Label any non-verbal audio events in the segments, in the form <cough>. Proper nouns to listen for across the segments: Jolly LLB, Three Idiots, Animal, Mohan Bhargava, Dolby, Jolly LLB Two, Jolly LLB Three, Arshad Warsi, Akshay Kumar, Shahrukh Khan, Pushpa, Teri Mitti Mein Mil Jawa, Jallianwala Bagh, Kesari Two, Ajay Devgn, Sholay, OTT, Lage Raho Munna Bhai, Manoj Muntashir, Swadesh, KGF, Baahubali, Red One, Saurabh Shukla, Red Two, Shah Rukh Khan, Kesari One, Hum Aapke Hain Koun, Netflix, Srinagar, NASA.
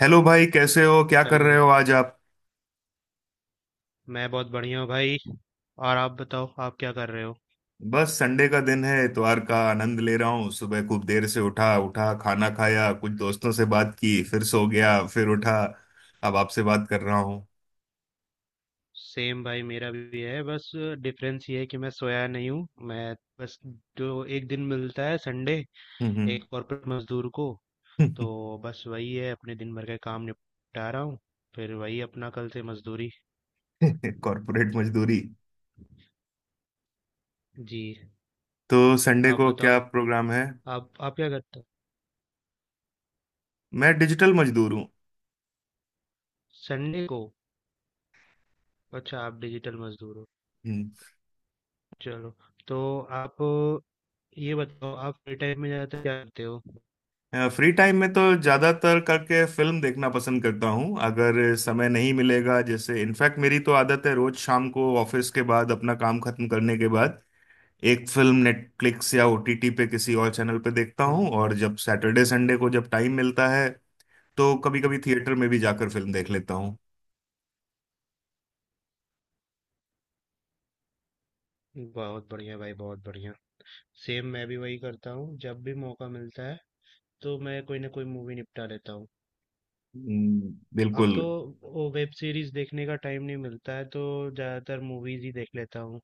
Hello भाई कैसे हो क्या कर हेलो रहे भाई। हो आज आप। मैं बहुत बढ़िया हूँ भाई। और आप बताओ आप क्या कर रहे हो। बस संडे का दिन है इतवार का आनंद ले रहा हूँ। सुबह खूब देर से उठा उठा खाना खाया कुछ दोस्तों से बात की फिर सो गया फिर उठा। अब आपसे बात कर रहा हूँ। सेम भाई मेरा भी है। बस डिफरेंस ये है कि मैं सोया नहीं हूँ। मैं बस, जो एक दिन मिलता है संडे हम्म। एक कॉर्पोरेट मजदूर को, तो बस वही है, अपने दिन भर के काम निपटा रहा हूँ। फिर वही अपना कल से मजदूरी। <laughs> कॉर्पोरेट मजदूरी। जी। तो संडे आप को बताओ क्या प्रोग्राम है। आप क्या करते हो मैं डिजिटल मजदूर हूँ। संडे को। अच्छा, आप डिजिटल मजदूर हो। चलो, तो आप ये बताओ, आप फ्री टाइम में ज़्यादातर क्या करते हो। फ्री टाइम में तो ज्यादातर करके फिल्म देखना पसंद करता हूँ अगर समय नहीं मिलेगा जैसे इनफैक्ट मेरी तो आदत है रोज शाम को ऑफिस के बाद अपना काम खत्म करने के बाद एक फिल्म नेटफ्लिक्स या ओटीटी पे किसी और चैनल पे देखता हूँ। और जब सैटरडे संडे को जब टाइम मिलता है तो कभी हम्म। कभी थिएटर में भी जाकर फिल्म देख लेता हूँ। बहुत बढ़िया भाई, बहुत बढ़िया। सेम, मैं भी वही करता हूँ, जब भी मौका मिलता है तो मैं कोई ना कोई मूवी निपटा लेता हूँ। अब बिल्कुल। तो वो वेब सीरीज देखने का टाइम नहीं मिलता है तो ज्यादातर मूवीज ही देख लेता हूँ।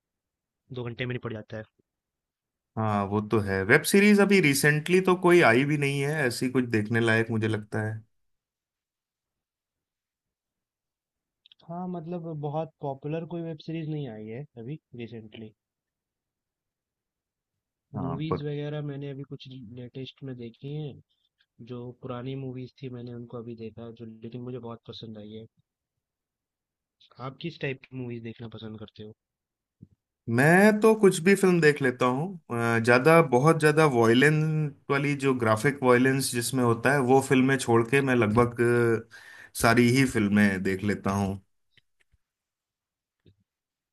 2 घंटे में निपट जाता है। हाँ वो तो है। वेब सीरीज अभी रिसेंटली तो कोई आई भी नहीं है ऐसी कुछ देखने लायक मुझे लगता है। हाँ मतलब बहुत पॉपुलर कोई वेब सीरीज नहीं आई है अभी रिसेंटली। हाँ मूवीज पर वगैरह मैंने अभी कुछ लेटेस्ट में देखी हैं। जो पुरानी मूवीज थी मैंने उनको अभी देखा जो, लेकिन मुझे बहुत पसंद आई है। आप किस टाइप की मूवीज देखना पसंद करते हो। मैं तो कुछ भी फिल्म देख लेता हूँ, ज्यादा बहुत ज्यादा वॉयलेंस वाली जो ग्राफिक वॉयलेंस जिसमें होता है वो फिल्में छोड़ के मैं लगभग सारी ही फिल्में देख लेता हूँ।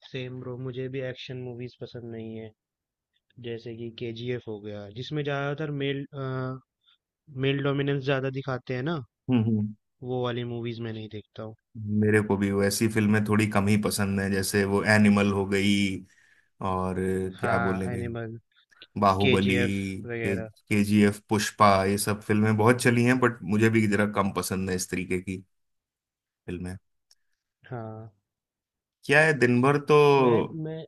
सेम ब्रो, मुझे भी एक्शन मूवीज पसंद नहीं है। जैसे कि केजीएफ हो गया जिसमें ज्यादातर मेल मेल डोमिनेंस ज्यादा दिखाते हैं ना। हम्म। वो वाली मूवीज मैं नहीं देखता हूँ। मेरे को भी वैसी फिल्में थोड़ी कम ही पसंद है जैसे वो एनिमल हो गई और क्या हाँ, बोलेंगे एनिमल, बाहुबली केजीएफ के वगैरह। केजीएफ पुष्पा ये सब फिल्में बहुत चली हैं बट मुझे भी जरा कम पसंद है इस तरीके की फिल्में। हाँ। क्या है दिन भर तो। मैं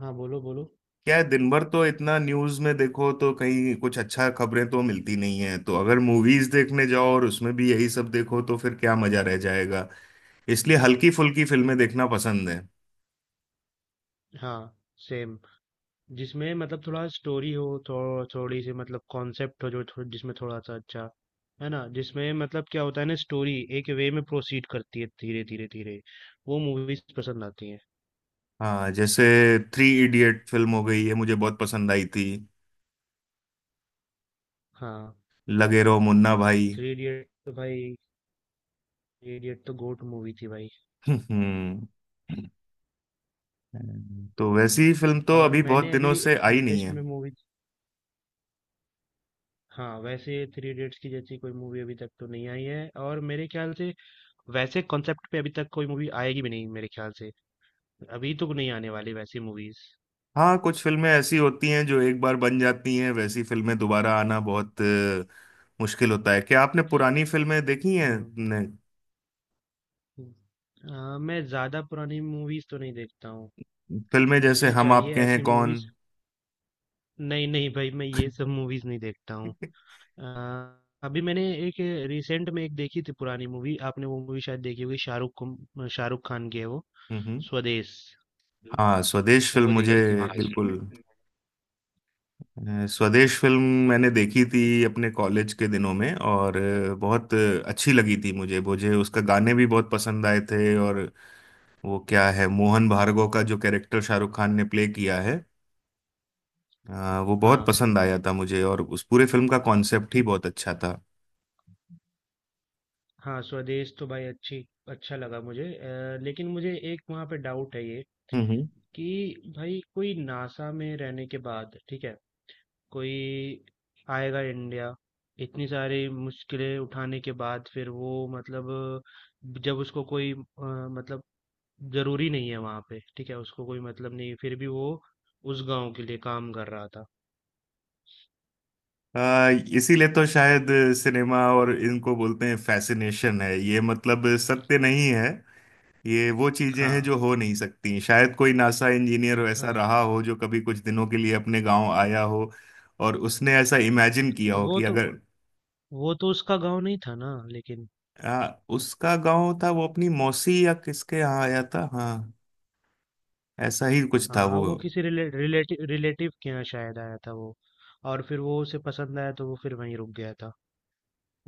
हाँ, बोलो बोलो। क्या है दिन भर तो इतना न्यूज में देखो तो कहीं कुछ अच्छा खबरें तो मिलती नहीं है तो अगर मूवीज देखने जाओ और उसमें भी यही सब देखो तो फिर क्या मजा रह जाएगा। इसलिए हल्की फुल्की फिल्में देखना पसंद है। हाँ, सेम, जिसमें मतलब थोड़ा स्टोरी हो, थोड़ी सी मतलब कॉन्सेप्ट हो, जो जिसमें थोड़ा सा अच्छा है ना। जिसमें मतलब क्या होता है ना, स्टोरी एक वे में प्रोसीड करती है धीरे धीरे धीरे। वो मूवीज पसंद आती हैं। हाँ जैसे थ्री इडियट फिल्म हो गई ये मुझे बहुत पसंद आई थी। हाँ। लगे रहो मुन्ना भाई। थ्री इडियट तो भाई, थ्री इडियट तो गोट मूवी थी भाई। <laughs> हम्म। तो वैसी फिल्म तो और अभी बहुत मैंने दिनों अभी से एक आई नहीं लेटेस्ट है। में मूवी। हाँ वैसे थ्री इडियट्स की जैसी कोई मूवी अभी तक तो नहीं आई है, और मेरे ख्याल से वैसे कॉन्सेप्ट पे अभी तक कोई मूवी आएगी भी नहीं मेरे ख्याल से। अभी तो नहीं आने वाली वैसी मूवीज। हाँ कुछ फिल्में ऐसी होती हैं जो एक बार बन जाती हैं वैसी फिल्में दोबारा आना बहुत मुश्किल होता है। क्या आपने पुरानी फिल्में देखी हैं। हम्म। ने- मैं ज्यादा पुरानी मूवीज तो नहीं देखता हूँ। फिल्में जैसे मुझे हम चाहिए आपके हैं ऐसी कौन। मूवीज। नहीं नहीं भाई, मैं ये सब मूवीज नहीं देखता हूँ। <laughs> आ, अभी मैंने एक रिसेंट में एक देखी थी पुरानी मूवी। आपने वो मूवी शायद देखी होगी, शाहरुख खान की है वो, हम्म। स्वदेश, हुँ। हाँ स्वदेश फिल्म वो मुझे देखी थी हाँ, मैंने। बिल्कुल। इसमें। स्वदेश फिल्म मैंने देखी थी अपने कॉलेज के दिनों में और बहुत अच्छी लगी थी मुझे। मुझे उसका गाने भी बहुत पसंद आए थे। और वो क्या है मोहन भार्गव का जो कैरेक्टर शाहरुख खान ने प्ले किया है, वो बहुत हाँ, पसंद आया था मुझे और उस पूरे फिल्म का कॉन्सेप्ट ही बहुत अच्छा था। हाँ, स्वदेश तो भाई अच्छी अच्छा लगा मुझे, लेकिन मुझे एक वहाँ पे डाउट है ये, हम्म हम्म। कि भाई कोई नासा में रहने के बाद, ठीक है, कोई आएगा इंडिया, इतनी सारी मुश्किलें उठाने के बाद फिर वो मतलब जब उसको कोई मतलब ज़रूरी नहीं है वहाँ पे, ठीक है, उसको कोई मतलब नहीं है, फिर भी वो उस गाँव के लिए काम कर रहा था। आ, इसीलिए तो शायद सिनेमा और इनको बोलते हैं फैसिनेशन है, ये मतलब सत्य नहीं है। ये वो चीजें हैं हाँ, जो हो नहीं सकती। शायद कोई नासा इंजीनियर वैसा हाँ। रहा हो जो कभी कुछ दिनों के लिए अपने गांव आया हो और उसने ऐसा इमेजिन किया हो वो कि तो अगर वो तो उसका गांव नहीं था ना, लेकिन। आ, उसका गांव था वो अपनी मौसी या किसके यहाँ आया था। हाँ ऐसा ही कुछ था हाँ वो। वो किसी रिलेटिव रिलेटिव के यहाँ शायद आया था वो। और फिर वो उसे पसंद आया तो वो फिर वहीं रुक गया था।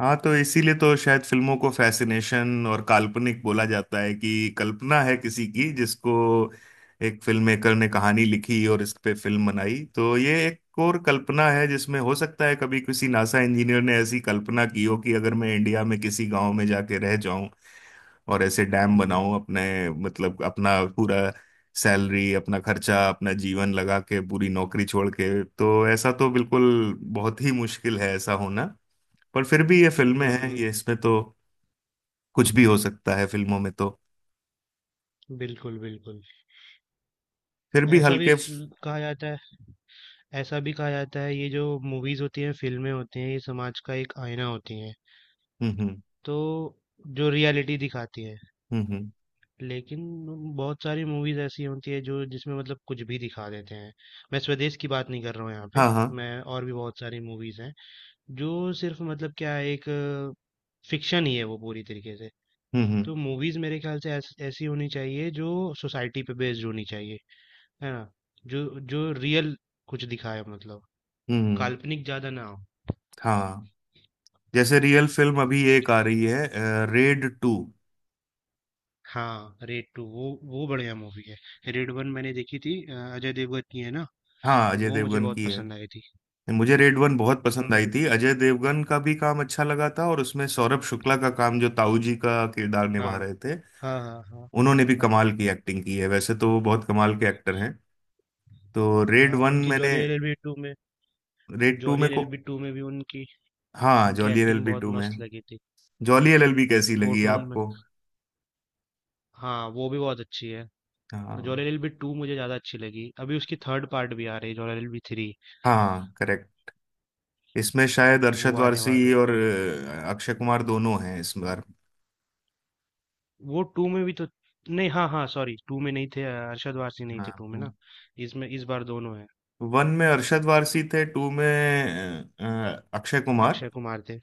हाँ तो इसीलिए तो शायद फिल्मों को फैसिनेशन और काल्पनिक बोला जाता है कि कल्पना है किसी की, जिसको एक फिल्म मेकर ने कहानी लिखी और इस पे फिल्म बनाई। तो ये एक और कल्पना है जिसमें हो सकता है कभी किसी नासा इंजीनियर ने ऐसी कल्पना की हो कि अगर मैं इंडिया में किसी गांव में जाके रह जाऊं और ऐसे डैम हम्म बनाऊं अपने, मतलब अपना पूरा सैलरी अपना खर्चा अपना जीवन लगा के पूरी नौकरी छोड़ के, तो ऐसा तो बिल्कुल बहुत ही मुश्किल है ऐसा होना। पर फिर भी ये फिल्में हैं, हम्म। ये इसमें तो कुछ भी हो सकता है फिल्मों में तो। बिल्कुल बिल्कुल। फिर भी ऐसा भी हल्के। सु- कहा जाता है ऐसा भी कहा जाता है, ये जो मूवीज होती हैं फिल्में होती हैं ये समाज का एक आईना होती हैं। हम्म। तो जो रियलिटी दिखाती है, हम्म हम्म, लेकिन बहुत सारी मूवीज ऐसी होती है जो, जिसमें मतलब कुछ भी दिखा देते हैं। मैं स्वदेश की बात नहीं कर रहा हूँ यहाँ पे। हाँ। हाँ। मैं और भी बहुत सारी मूवीज हैं जो सिर्फ मतलब क्या एक फिक्शन ही है, वो पूरी तरीके से। हम्म। तो मूवीज मेरे ख्याल से ऐसी होनी चाहिए जो सोसाइटी पे बेस्ड होनी चाहिए। है ना, जो जो रियल कुछ दिखाए, मतलब हम्म हम्म, काल्पनिक ज्यादा ना हो। हाँ जैसे रियल फिल्म अभी एक आ रही है रेड टू। हाँ रेड टू, वो बढ़िया मूवी है। रेड वन मैंने देखी थी, अजय देवगन की है ना। हाँ अजय वो मुझे देवगन बहुत की पसंद है। आई थी। मुझे रेड वन बहुत वो पसंद आई मुझे। थी। अजय देवगन का भी काम अच्छा लगा था और उसमें सौरभ शुक्ला का काम जो ताऊ जी का किरदार निभा हाँ, रहे थे, हाँ, हाँ, हाँ, उन्होंने भी हाँ, कमाल की एक्टिंग की है, वैसे तो वो बहुत कमाल के एक्टर हैं। तो रेड हाँ। वन उनकी मैंने, जॉली एलएलबी टू में। रेड टू जॉली में को, एलएलबी टू में भी उनकी हाँ उनकी Jolly L L acting B बहुत टू में मस्त लगी थी। जॉली एलएलबी कैसी लगी कोर्ट रूम में। आपको। हाँ वो भी बहुत अच्छी है। हाँ जॉली एलबी टू मुझे ज्यादा अच्छी लगी, अभी उसकी थर्ड पार्ट भी आ रही है जॉली एलबी थ्री। हाँ करेक्ट। इसमें शायद वो अरशद आने वारसी वाले, और अक्षय कुमार दोनों हैं इस बार। वो टू में भी तो नहीं, हाँ हाँ सॉरी, टू में नहीं थे, अरशद वारसी नहीं हाँ थे टू में ना। इसमें इस बार दोनों है। वन में अरशद वारसी थे, टू में अक्षय कुमार। अक्षय कुमार थे।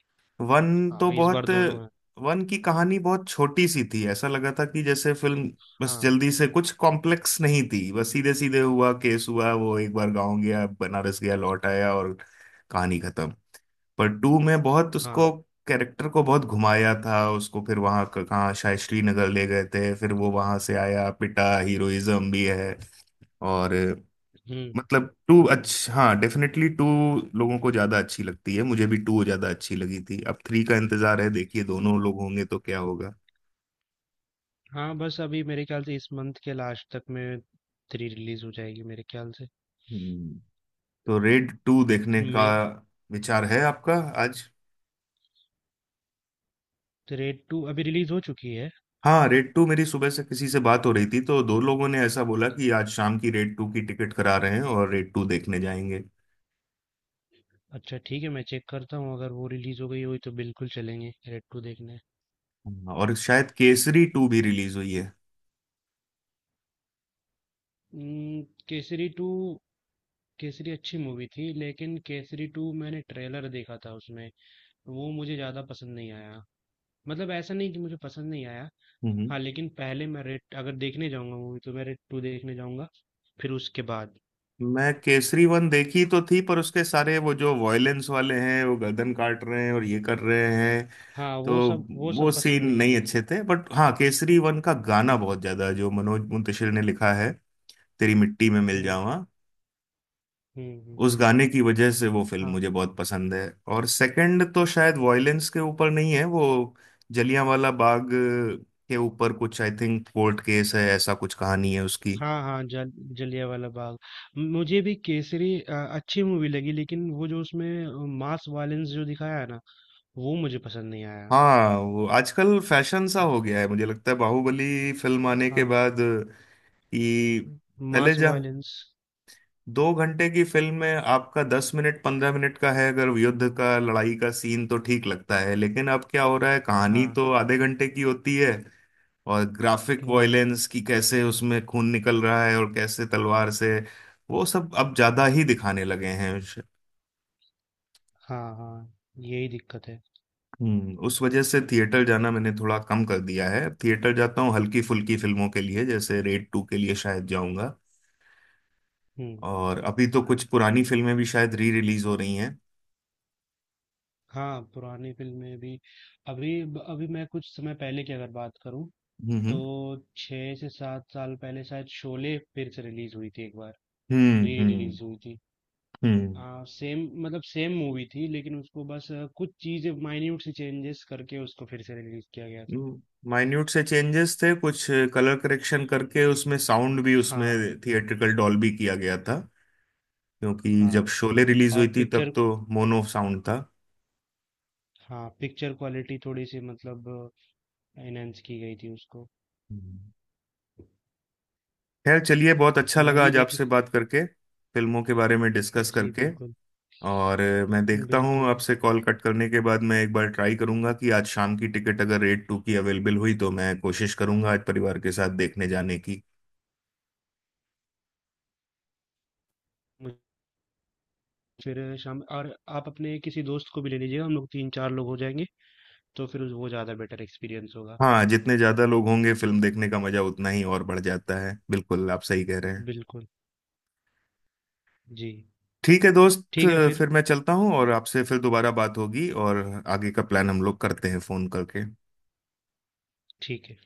वन तो हाँ इस बार बहुत। दोनों है। वन की कहानी बहुत छोटी सी थी, ऐसा लगा था कि जैसे फिल्म बस हाँ जल्दी से, कुछ कॉम्प्लेक्स नहीं थी, बस सीधे सीधे हुआ केस हुआ वो एक बार गांव गया बनारस गया लौट आया और कहानी खत्म। पर टू में बहुत उसको हाँ। कैरेक्टर को बहुत घुमाया था, उसको फिर वहां कहाँ शायद श्रीनगर ले गए थे, फिर वो वहां से आया, पिटा, हीरोइज्म भी है। और हम्म मतलब टू हम्म। अच्छा, हाँ डेफिनेटली टू लोगों को ज्यादा अच्छी लगती है। मुझे भी टू ज्यादा अच्छी लगी थी। अब थ्री का इंतजार है, देखिए दोनों लोग होंगे तो क्या होगा। हाँ बस अभी मेरे ख्याल से इस मंथ के लास्ट तक में थ्री रिलीज हो जाएगी मेरे ख्याल से। हम्म। तो रेड टू देखने का मे विचार है आपका आज। रेड टू अभी रिलीज हो चुकी है। हाँ रेड टू, मेरी सुबह से किसी से बात हो रही थी तो दो लोगों ने ऐसा बोला कि आज शाम की रेड टू की टिकट करा रहे हैं और रेड टू देखने जाएंगे। अच्छा ठीक है, मैं चेक करता हूँ, अगर वो रिलीज़ हो गई हुई तो बिल्कुल चलेंगे रेड टू देखने। हाँ, और शायद केसरी टू भी रिलीज हुई है। हम्म। केसरी टू, केसरी अच्छी मूवी थी लेकिन केसरी टू मैंने ट्रेलर देखा था उसमें, वो मुझे ज़्यादा पसंद नहीं आया। मतलब ऐसा नहीं कि मुझे पसंद नहीं आया। हम्म। हाँ लेकिन पहले मैं रेड, अगर देखने जाऊंगा मूवी तो मैं रेड टू देखने जाऊंगा फिर उसके बाद। मैं केसरी वन देखी तो थी, पर उसके सारे वो जो वॉयलेंस वाले हैं वो गर्दन काट रहे हैं और ये कर रहे हैं, हाँ, तो वो सब वो सीन पसंद नहीं नहीं आया। अच्छे थे। बट हाँ केसरी वन का गाना हम्म बहुत ज्यादा है, जो मनोज मुंतशिर ने लिखा है। तेरी मिट्टी में मिल हम्म। जावा। हम्म। उस गाने की वजह से वो फिल्म हाँ। मुझे बहुत पसंद है। और सेकंड तो शायद वॉयलेंस के ऊपर नहीं है वो, जलियांवाला बाग के ऊपर कुछ, आई थिंक कोर्ट केस है, ऐसा कुछ कहानी है उसकी। हाँ, हाँ, जल जलियांवाला बाग। मुझे भी केसरी अच्छी मूवी लगी, लेकिन वो जो उसमें मास वायलेंस जो दिखाया है ना, वो मुझे पसंद नहीं आया। हाँ वो आजकल फैशन सा हो गया है मुझे लगता है बाहुबली फिल्म आने के हाँ, बाद कि पहले मास जा वायलेंस। 2 घंटे की फिल्म में आपका 10 मिनट 15 मिनट का है अगर युद्ध का, लड़ाई का सीन, तो ठीक लगता है। लेकिन अब क्या हो रहा है, कहानी हाँ, तो आधे घंटे की होती है और ग्राफिक हम्म, वॉयलेंस की कैसे उसमें खून निकल रहा है और कैसे तलवार से, वो सब अब ज्यादा ही दिखाने लगे हैं। हाँ, हाँ, यही दिक्कत है। हम्म, उस वजह से थिएटर जाना मैंने थोड़ा कम कर दिया है। थिएटर जाता हूँ हल्की फुल्की फिल्मों के लिए, जैसे रेड टू के लिए शायद जाऊंगा। हम्म। और अभी तो कुछ पुरानी फिल्में भी शायद री रिलीज हो रही हैं। हाँ, पुरानी फिल्में भी। अभी अभी मैं कुछ समय पहले की अगर बात करूँ, तो हम्म 6 से 7 साल पहले शायद शोले फिर से रिलीज हुई थी एक बार, हम्म री हम्म रिलीज हुई थी। हम्म सेम, मतलब सेम मूवी थी लेकिन उसको बस कुछ चीजें माइन्यूट सी चेंजेस करके उसको फिर से रिलीज किया गया था। हम्म। माइन्यूट से चेंजेस थे कुछ, कलर करेक्शन करके, उसमें साउंड भी उसमें हाँ थिएट्रिकल डॉल्बी किया गया था। क्योंकि जब हाँ, शोले रिलीज और हुई थी तब पिक्चर, तो मोनो साउंड था। हाँ पिक्चर क्वालिटी थोड़ी सी मतलब एनहेंस की गई थी उसको। हम्म। खैर चलिए, बहुत अच्छा लगा मूवी आज देखी। आपसे बात करके, फिल्मों के बारे में डिस्कस जी करके। बिल्कुल। और मैं देखता हूँ, बिल्कुल। आपसे कॉल कट करने के बाद मैं एक बार ट्राई करूंगा कि आज शाम की टिकट अगर रेट टू की अवेलेबल हुई तो मैं कोशिश करूंगा आज परिवार के साथ देखने जाने की। मुझे फिर शाम, और आप अपने किसी दोस्त को भी ले लीजिएगा, हम लोग तीन चार लोग हो जाएंगे तो फिर वो ज़्यादा बेटर एक्सपीरियंस होगा। हाँ जितने ज्यादा लोग होंगे फिल्म देखने का मजा उतना ही और बढ़ जाता है, बिल्कुल आप सही कह रहे हैं। बिल्कुल। जी। ठीक है दोस्त, ठीक है फिर। फिर मैं चलता हूँ और आपसे फिर दोबारा बात होगी और आगे का प्लान हम लोग करते हैं फोन करके। ठीक है।